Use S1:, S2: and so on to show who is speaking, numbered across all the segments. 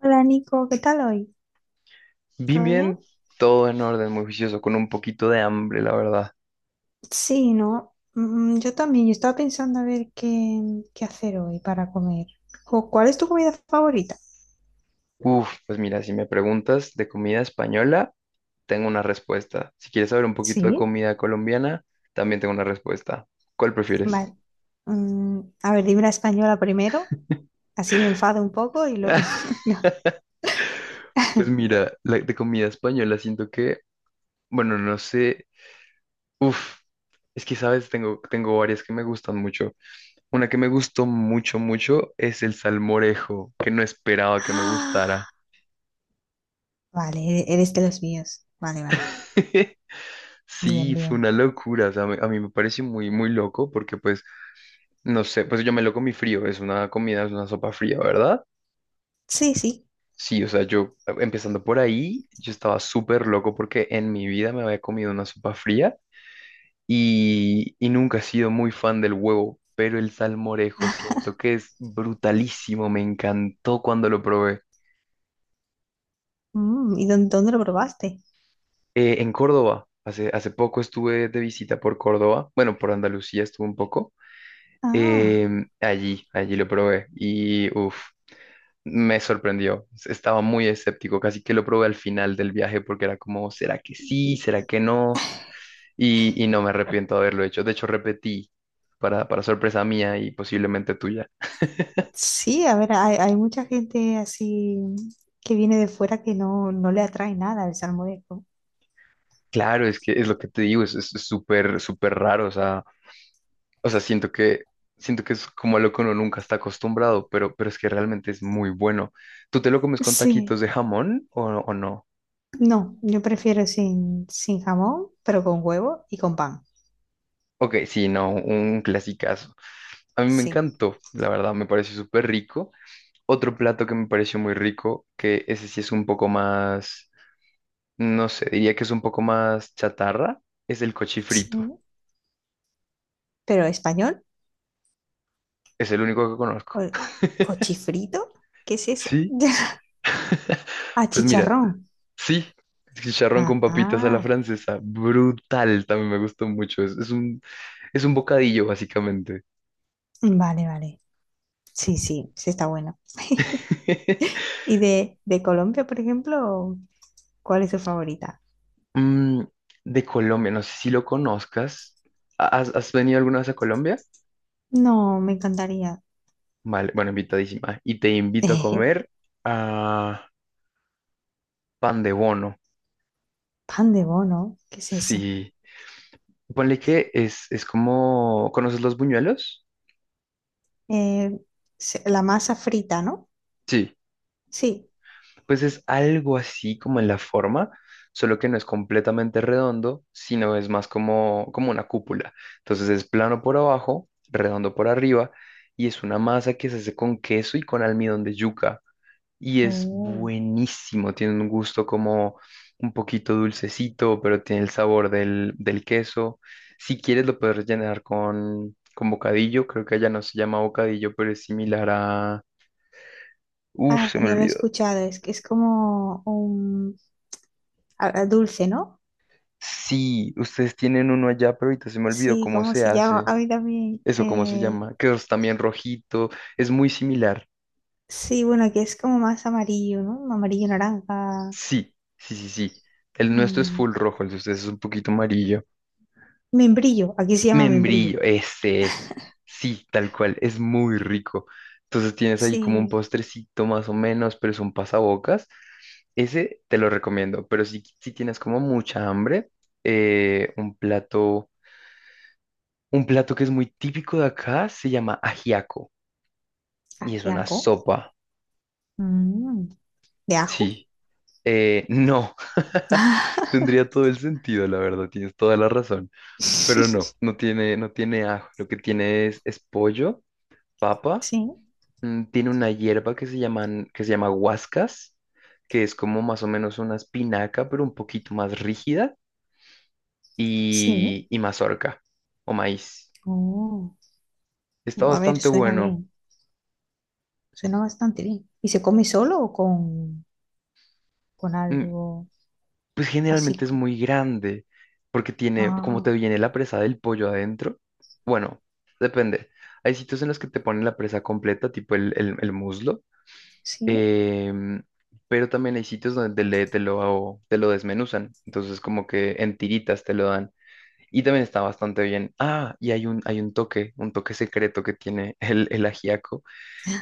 S1: Hola Nico, ¿qué tal hoy?
S2: Bien,
S1: ¿Todo bien?
S2: bien, todo en orden, muy juicioso, con un poquito de hambre, la verdad.
S1: Sí, no, yo también, yo estaba pensando a ver qué hacer hoy para comer. Jo, ¿cuál es tu comida favorita?
S2: Uf, pues mira, si me preguntas de comida española, tengo una respuesta. Si quieres saber un poquito de
S1: Sí,
S2: comida colombiana, también tengo una respuesta. ¿Cuál prefieres?
S1: vale. A ver, dime la española primero, así me enfado un poco y luego no.
S2: Pues mira, la de comida española siento que, bueno, no sé, uf, es que sabes, tengo varias que me gustan mucho. Una que me gustó mucho, mucho es el salmorejo, que no esperaba que me gustara.
S1: Ah, vale, eres de los míos. Vale, vale. Bien,
S2: Sí, fue
S1: bien.
S2: una locura, o sea, a mí me pareció muy, muy loco porque pues, no sé, pues yo me lo comí frío, es una comida, es una sopa fría, ¿verdad?
S1: Sí, sí.
S2: Sí, o sea, yo, empezando por ahí, yo estaba súper loco porque en mi vida me había comido una sopa fría y nunca he sido muy fan del huevo, pero el salmorejo siento que es brutalísimo, me encantó cuando lo probé.
S1: ¿Y dónde lo probaste?
S2: En Córdoba, hace poco estuve de visita por Córdoba, bueno, por Andalucía estuve un poco.
S1: Ah.
S2: Allí lo probé y uff, me sorprendió. Estaba muy escéptico, casi que lo probé al final del viaje porque era como, ¿será que sí? ¿Será que no? Y no me arrepiento de haberlo hecho. De hecho, repetí para sorpresa mía y posiblemente tuya.
S1: Sí, a ver, hay mucha gente así que viene de fuera que no, no le atrae nada el salmorejo.
S2: Claro, es que es lo que te digo, es súper, súper raro. O sea, siento que es como a lo que uno nunca está acostumbrado, pero es que realmente es muy bueno. ¿Tú te lo comes con
S1: Sí,
S2: taquitos de jamón o no?
S1: no, yo prefiero sin jamón, pero con huevo y con pan.
S2: Ok, sí, no, un clasicazo. A mí me
S1: Sí,
S2: encantó, la verdad, me pareció súper rico. Otro plato que me pareció muy rico, que ese sí es un poco más, no sé, diría que es un poco más chatarra, es el cochifrito.
S1: sí. Pero español,
S2: Es el único que conozco.
S1: o- cochifrito, ¿qué es eso?
S2: Sí,
S1: Ah,
S2: pues mira,
S1: chicharrón.
S2: sí, chicharrón con papitas a la
S1: Ah,
S2: francesa, brutal, también me gustó mucho. Es un bocadillo, básicamente.
S1: vale, vale. Sí, sí, sí está bueno. ¿Y de Colombia, por ejemplo, cuál es tu favorita?
S2: Mm, de Colombia, no sé si lo conozcas. ¿Has, has venido alguna vez a Colombia?
S1: No, me encantaría.
S2: Vale, bueno, invitadísima. Y te invito a comer a pan de bono.
S1: Pan de bono, ¿qué es eso?
S2: Sí. Ponle que es como... ¿Conoces los buñuelos?
S1: Eh, la masa frita, ¿no?
S2: Sí.
S1: Sí.
S2: Pues es algo así como en la forma, solo que no es completamente redondo, sino es más como, como una cúpula. Entonces es plano por abajo, redondo por arriba, y es una masa que se hace con queso y con almidón de yuca. Y es
S1: Oh,
S2: buenísimo. Tiene un gusto como un poquito dulcecito, pero tiene el sabor del, del queso. Si quieres, lo puedes rellenar con bocadillo. Creo que allá no se llama bocadillo, pero es similar a... Uf,
S1: ah,
S2: se me
S1: yo lo he
S2: olvidó.
S1: escuchado, es que es como un a dulce, ¿no?
S2: Sí, ustedes tienen uno allá, pero ahorita se me olvidó
S1: Sí,
S2: cómo
S1: ¿como
S2: se
S1: se llama?
S2: hace.
S1: A mí también.
S2: Eso, ¿cómo se llama? Que es también rojito. Es muy similar.
S1: Sí, bueno, que es como más amarillo, ¿no? Amarillo, naranja.
S2: Sí, sí, sí, sí. El nuestro es full
S1: mm,
S2: rojo, el de ustedes es un poquito amarillo.
S1: membrillo, aquí se llama membrillo.
S2: Membrillo, ese es. Sí, tal cual, es muy rico. Entonces tienes ahí como un
S1: Sí,
S2: postrecito más o menos, pero son pasabocas. Ese te lo recomiendo, pero si, si tienes como mucha hambre, eh, un plato, un plato que es muy típico de acá se llama ajiaco y es una
S1: ajiaco.
S2: sopa.
S1: mm, ¿de ajo?
S2: Sí, no, tendría todo el sentido, la verdad, tienes toda la razón, pero no, no tiene, no tiene ajo, lo que tiene es pollo, papa,
S1: Sí,
S2: tiene una hierba que se llaman, que se llama huascas, que es como más o menos una espinaca, pero un poquito más rígida,
S1: sí.
S2: y mazorca o maíz.
S1: Oh,
S2: Está
S1: a ver,
S2: bastante
S1: suena
S2: bueno.
S1: bien. Suena bastante bien. ¿Y se come solo o con
S2: Mm,
S1: algo
S2: pues
S1: así?
S2: generalmente es muy grande, porque tiene, como te
S1: Ah,
S2: viene la presa del pollo adentro, bueno, depende. Hay sitios en los que te ponen la presa completa, tipo el, el muslo,
S1: sí.
S2: em, pero también hay sitios donde te, te lo desmenuzan, entonces como que en tiritas te lo dan. Y también está bastante bien. Ah, y hay un toque secreto que tiene el ajiaco.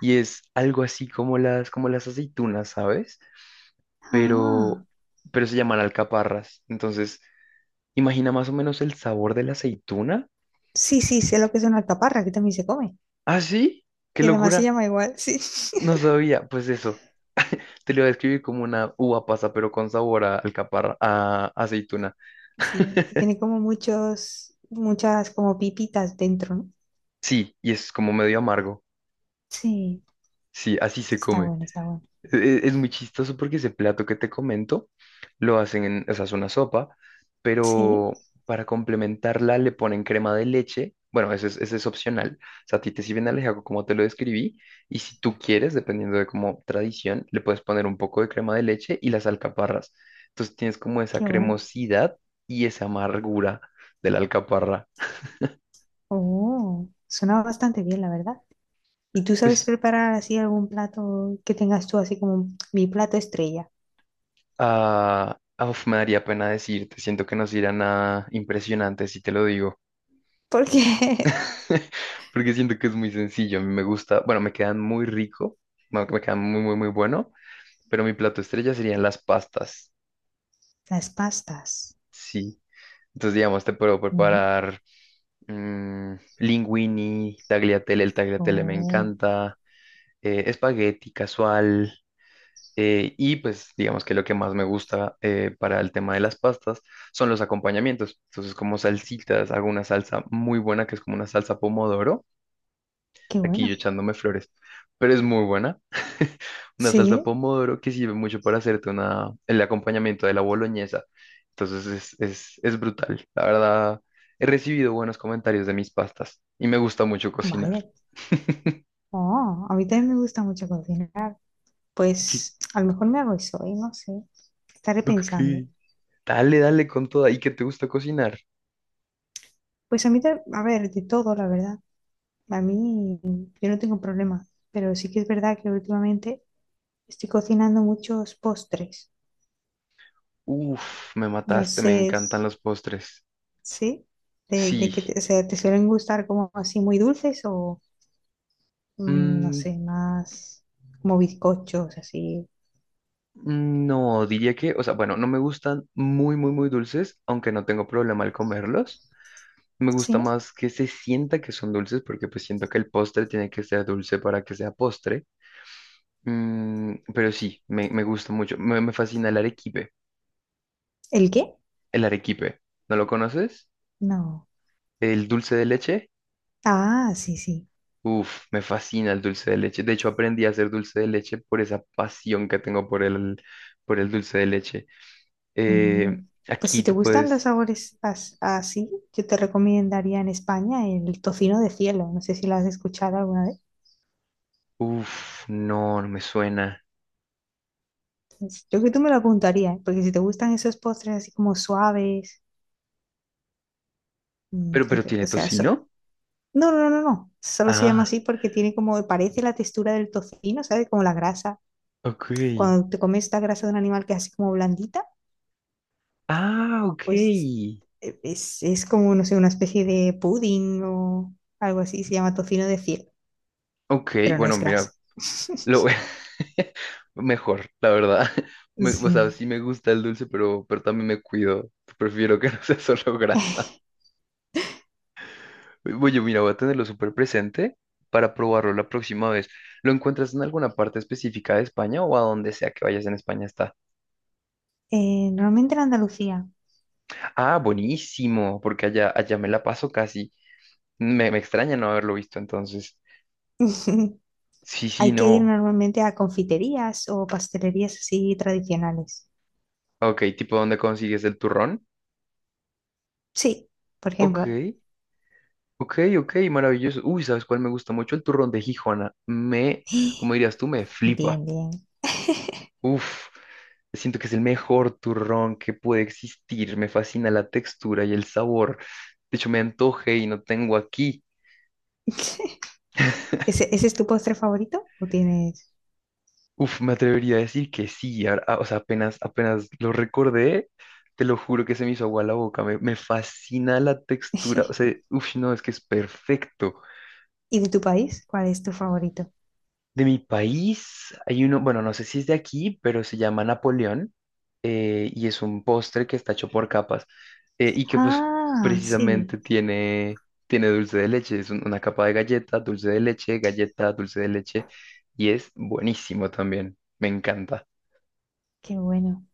S2: Y es algo así como las aceitunas, ¿sabes? Pero,
S1: Ah,
S2: pero se llaman alcaparras. Entonces, imagina más o menos el sabor de la aceituna.
S1: sí, sí, sé lo que es una alcaparra, aquí también se come.
S2: ¿Ah, sí? ¡Qué
S1: Y además se
S2: locura!
S1: llama igual, sí.
S2: No sabía. Pues eso, te lo voy a describir como una uva pasa, pero con sabor a alcaparra, a aceituna.
S1: Sí, que tiene como muchos, muchas como pipitas dentro, ¿no?
S2: Sí, y es como medio amargo.
S1: Sí,
S2: Sí, así se
S1: está
S2: come.
S1: bueno, está bueno.
S2: Es muy chistoso porque ese plato que te comento lo hacen en, o sea, es una sopa,
S1: Sí,
S2: pero para complementarla le ponen crema de leche. Bueno, ese es opcional. O sea, a ti te sirven alejaco como te lo describí. Y si tú quieres, dependiendo de como tradición, le puedes poner un poco de crema de leche y las alcaparras. Entonces tienes como esa
S1: qué bueno.
S2: cremosidad y esa amargura de la alcaparra.
S1: Oh, suena bastante bien, la verdad. ¿Y tú sabes
S2: Pues,
S1: preparar así algún plato que tengas tú así como mi plato estrella?
S2: ah, ah, me daría pena decirte. Siento que no será nada impresionante si te lo digo.
S1: Porque
S2: Porque siento que es muy sencillo. A mí me gusta, bueno, me quedan muy rico, me quedan muy, muy, muy bueno, pero mi plato estrella serían las pastas,
S1: las pastas.
S2: sí. Entonces, digamos, te puedo
S1: Mm.
S2: preparar, linguini, tagliatelle, el tagliatelle me
S1: Oh,
S2: encanta, espagueti casual, y pues digamos que lo que más me gusta, para el tema de las pastas son los acompañamientos. Entonces, como salsitas, hago una salsa muy buena que es como una salsa pomodoro,
S1: qué
S2: aquí
S1: bueno.
S2: yo echándome flores, pero es muy buena. Una salsa
S1: Sí,
S2: pomodoro que sirve mucho para hacerte una, el acompañamiento de la boloñesa. Entonces es brutal. La verdad, he recibido buenos comentarios de mis pastas y me gusta mucho cocinar.
S1: vaya. Oh, a mí también me gusta mucho cocinar.
S2: ¿Qué?
S1: Pues a lo mejor me hago eso hoy, no sé. Estaré
S2: Ok.
S1: pensando.
S2: Dale, dale con toda. ¿Y qué te gusta cocinar?
S1: Pues a mí, a ver, de todo, la verdad. A mí, yo no tengo problema. Pero sí que es verdad que últimamente estoy cocinando muchos postres.
S2: Uf, me
S1: No
S2: mataste, me
S1: sé,
S2: encantan los postres.
S1: ¿sí? De
S2: Sí.
S1: que te, o sea, ¿te suelen gustar como así muy dulces o, no
S2: Mm,
S1: sé, más como bizcochos, así?
S2: no, diría que, o sea, bueno, no me gustan muy, muy, muy dulces, aunque no tengo problema al comerlos. Me gusta
S1: ¿Sí?
S2: más que se sienta que son dulces porque pues siento que el postre tiene que ser dulce para que sea postre. Pero sí, me gusta mucho. Me fascina el arequipe.
S1: ¿El qué?
S2: El arequipe. ¿No lo conoces?
S1: No.
S2: El dulce de leche.
S1: Ah, sí, sí.
S2: Uf, me fascina el dulce de leche. De hecho, aprendí a hacer dulce de leche por esa pasión que tengo por el dulce de leche.
S1: Mm,
S2: Eh,
S1: Pues si
S2: aquí
S1: te
S2: tú
S1: gustan los
S2: puedes...
S1: sabores así, yo te recomendaría en España el tocino de cielo. No sé si lo has escuchado alguna vez.
S2: Uf, no, no me suena.
S1: Pues, yo creo que tú me lo apuntarías, ¿eh? Porque si te gustan esos postres así como suaves,
S2: Pero tiene
S1: o sea,
S2: tocino.
S1: no, no, no, no. Solo se llama
S2: Ah,
S1: así porque tiene como, parece la textura del tocino, ¿sabes? Como la grasa.
S2: ok.
S1: Cuando te comes esta grasa de un animal que es así como blandita,
S2: Ah, ok.
S1: pues es como, no sé, una especie de pudding o algo así, se llama tocino de cielo.
S2: Ok,
S1: Pero no
S2: bueno,
S1: es grasa.
S2: mira, lo voy- mejor, la verdad. O sea,
S1: Sí.
S2: sí me gusta el dulce, pero también me cuido. Prefiero que no sea solo grasa. Oye, mira, voy a tenerlo súper presente para probarlo la próxima vez. ¿Lo encuentras en alguna parte específica de España o a donde sea que vayas en España está?
S1: Normalmente en Andalucía
S2: Ah, buenísimo, porque allá, allá me la paso casi. Me extraña no haberlo visto entonces. Sí, sí,
S1: hay que ir
S2: no.
S1: normalmente a confiterías o pastelerías así tradicionales.
S2: Ok, tipo, ¿dónde consigues el turrón?
S1: Sí, por
S2: Ok.
S1: ejemplo.
S2: Ok, ok, maravilloso. Uy, ¿sabes cuál me gusta mucho? El turrón de Gijona. Me, como dirías tú, me flipa.
S1: Bien, bien.
S2: Uf, siento que es el mejor turrón que puede existir. Me fascina la textura y el sabor. De hecho, me antoje y no tengo aquí.
S1: ¿Ese es tu postre favorito o tienes?
S2: Uf, me atrevería a decir que sí. O sea, apenas, apenas lo recordé, te lo juro que se me hizo agua la boca. Me fascina la textura. O sea, uf, no, es que es perfecto.
S1: ¿Y de tu país? ¿Cuál es tu favorito?
S2: De mi país hay uno, bueno, no sé si es de aquí, pero se llama Napoleón, y es un postre que está hecho por capas, y que pues
S1: Ah, sí,
S2: precisamente tiene, tiene dulce de leche. Es un- una capa de galleta, dulce de leche, galleta, dulce de leche y es buenísimo también. Me encanta.
S1: qué bueno.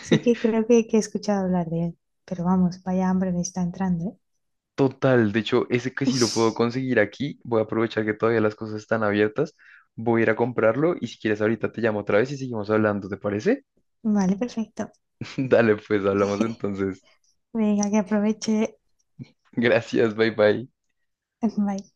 S1: Sí que creo que he escuchado hablar de él, pero vamos, vaya hambre me está entrando, ¿eh?
S2: Total, de hecho, ese que si lo puedo conseguir aquí, voy a aprovechar que todavía las cosas están abiertas. Voy a ir a comprarlo y si quieres ahorita te llamo otra vez y seguimos hablando, ¿te parece?
S1: Vale, perfecto.
S2: Dale, pues hablamos entonces.
S1: Venga, que aproveche.
S2: Gracias, bye bye.
S1: Bye.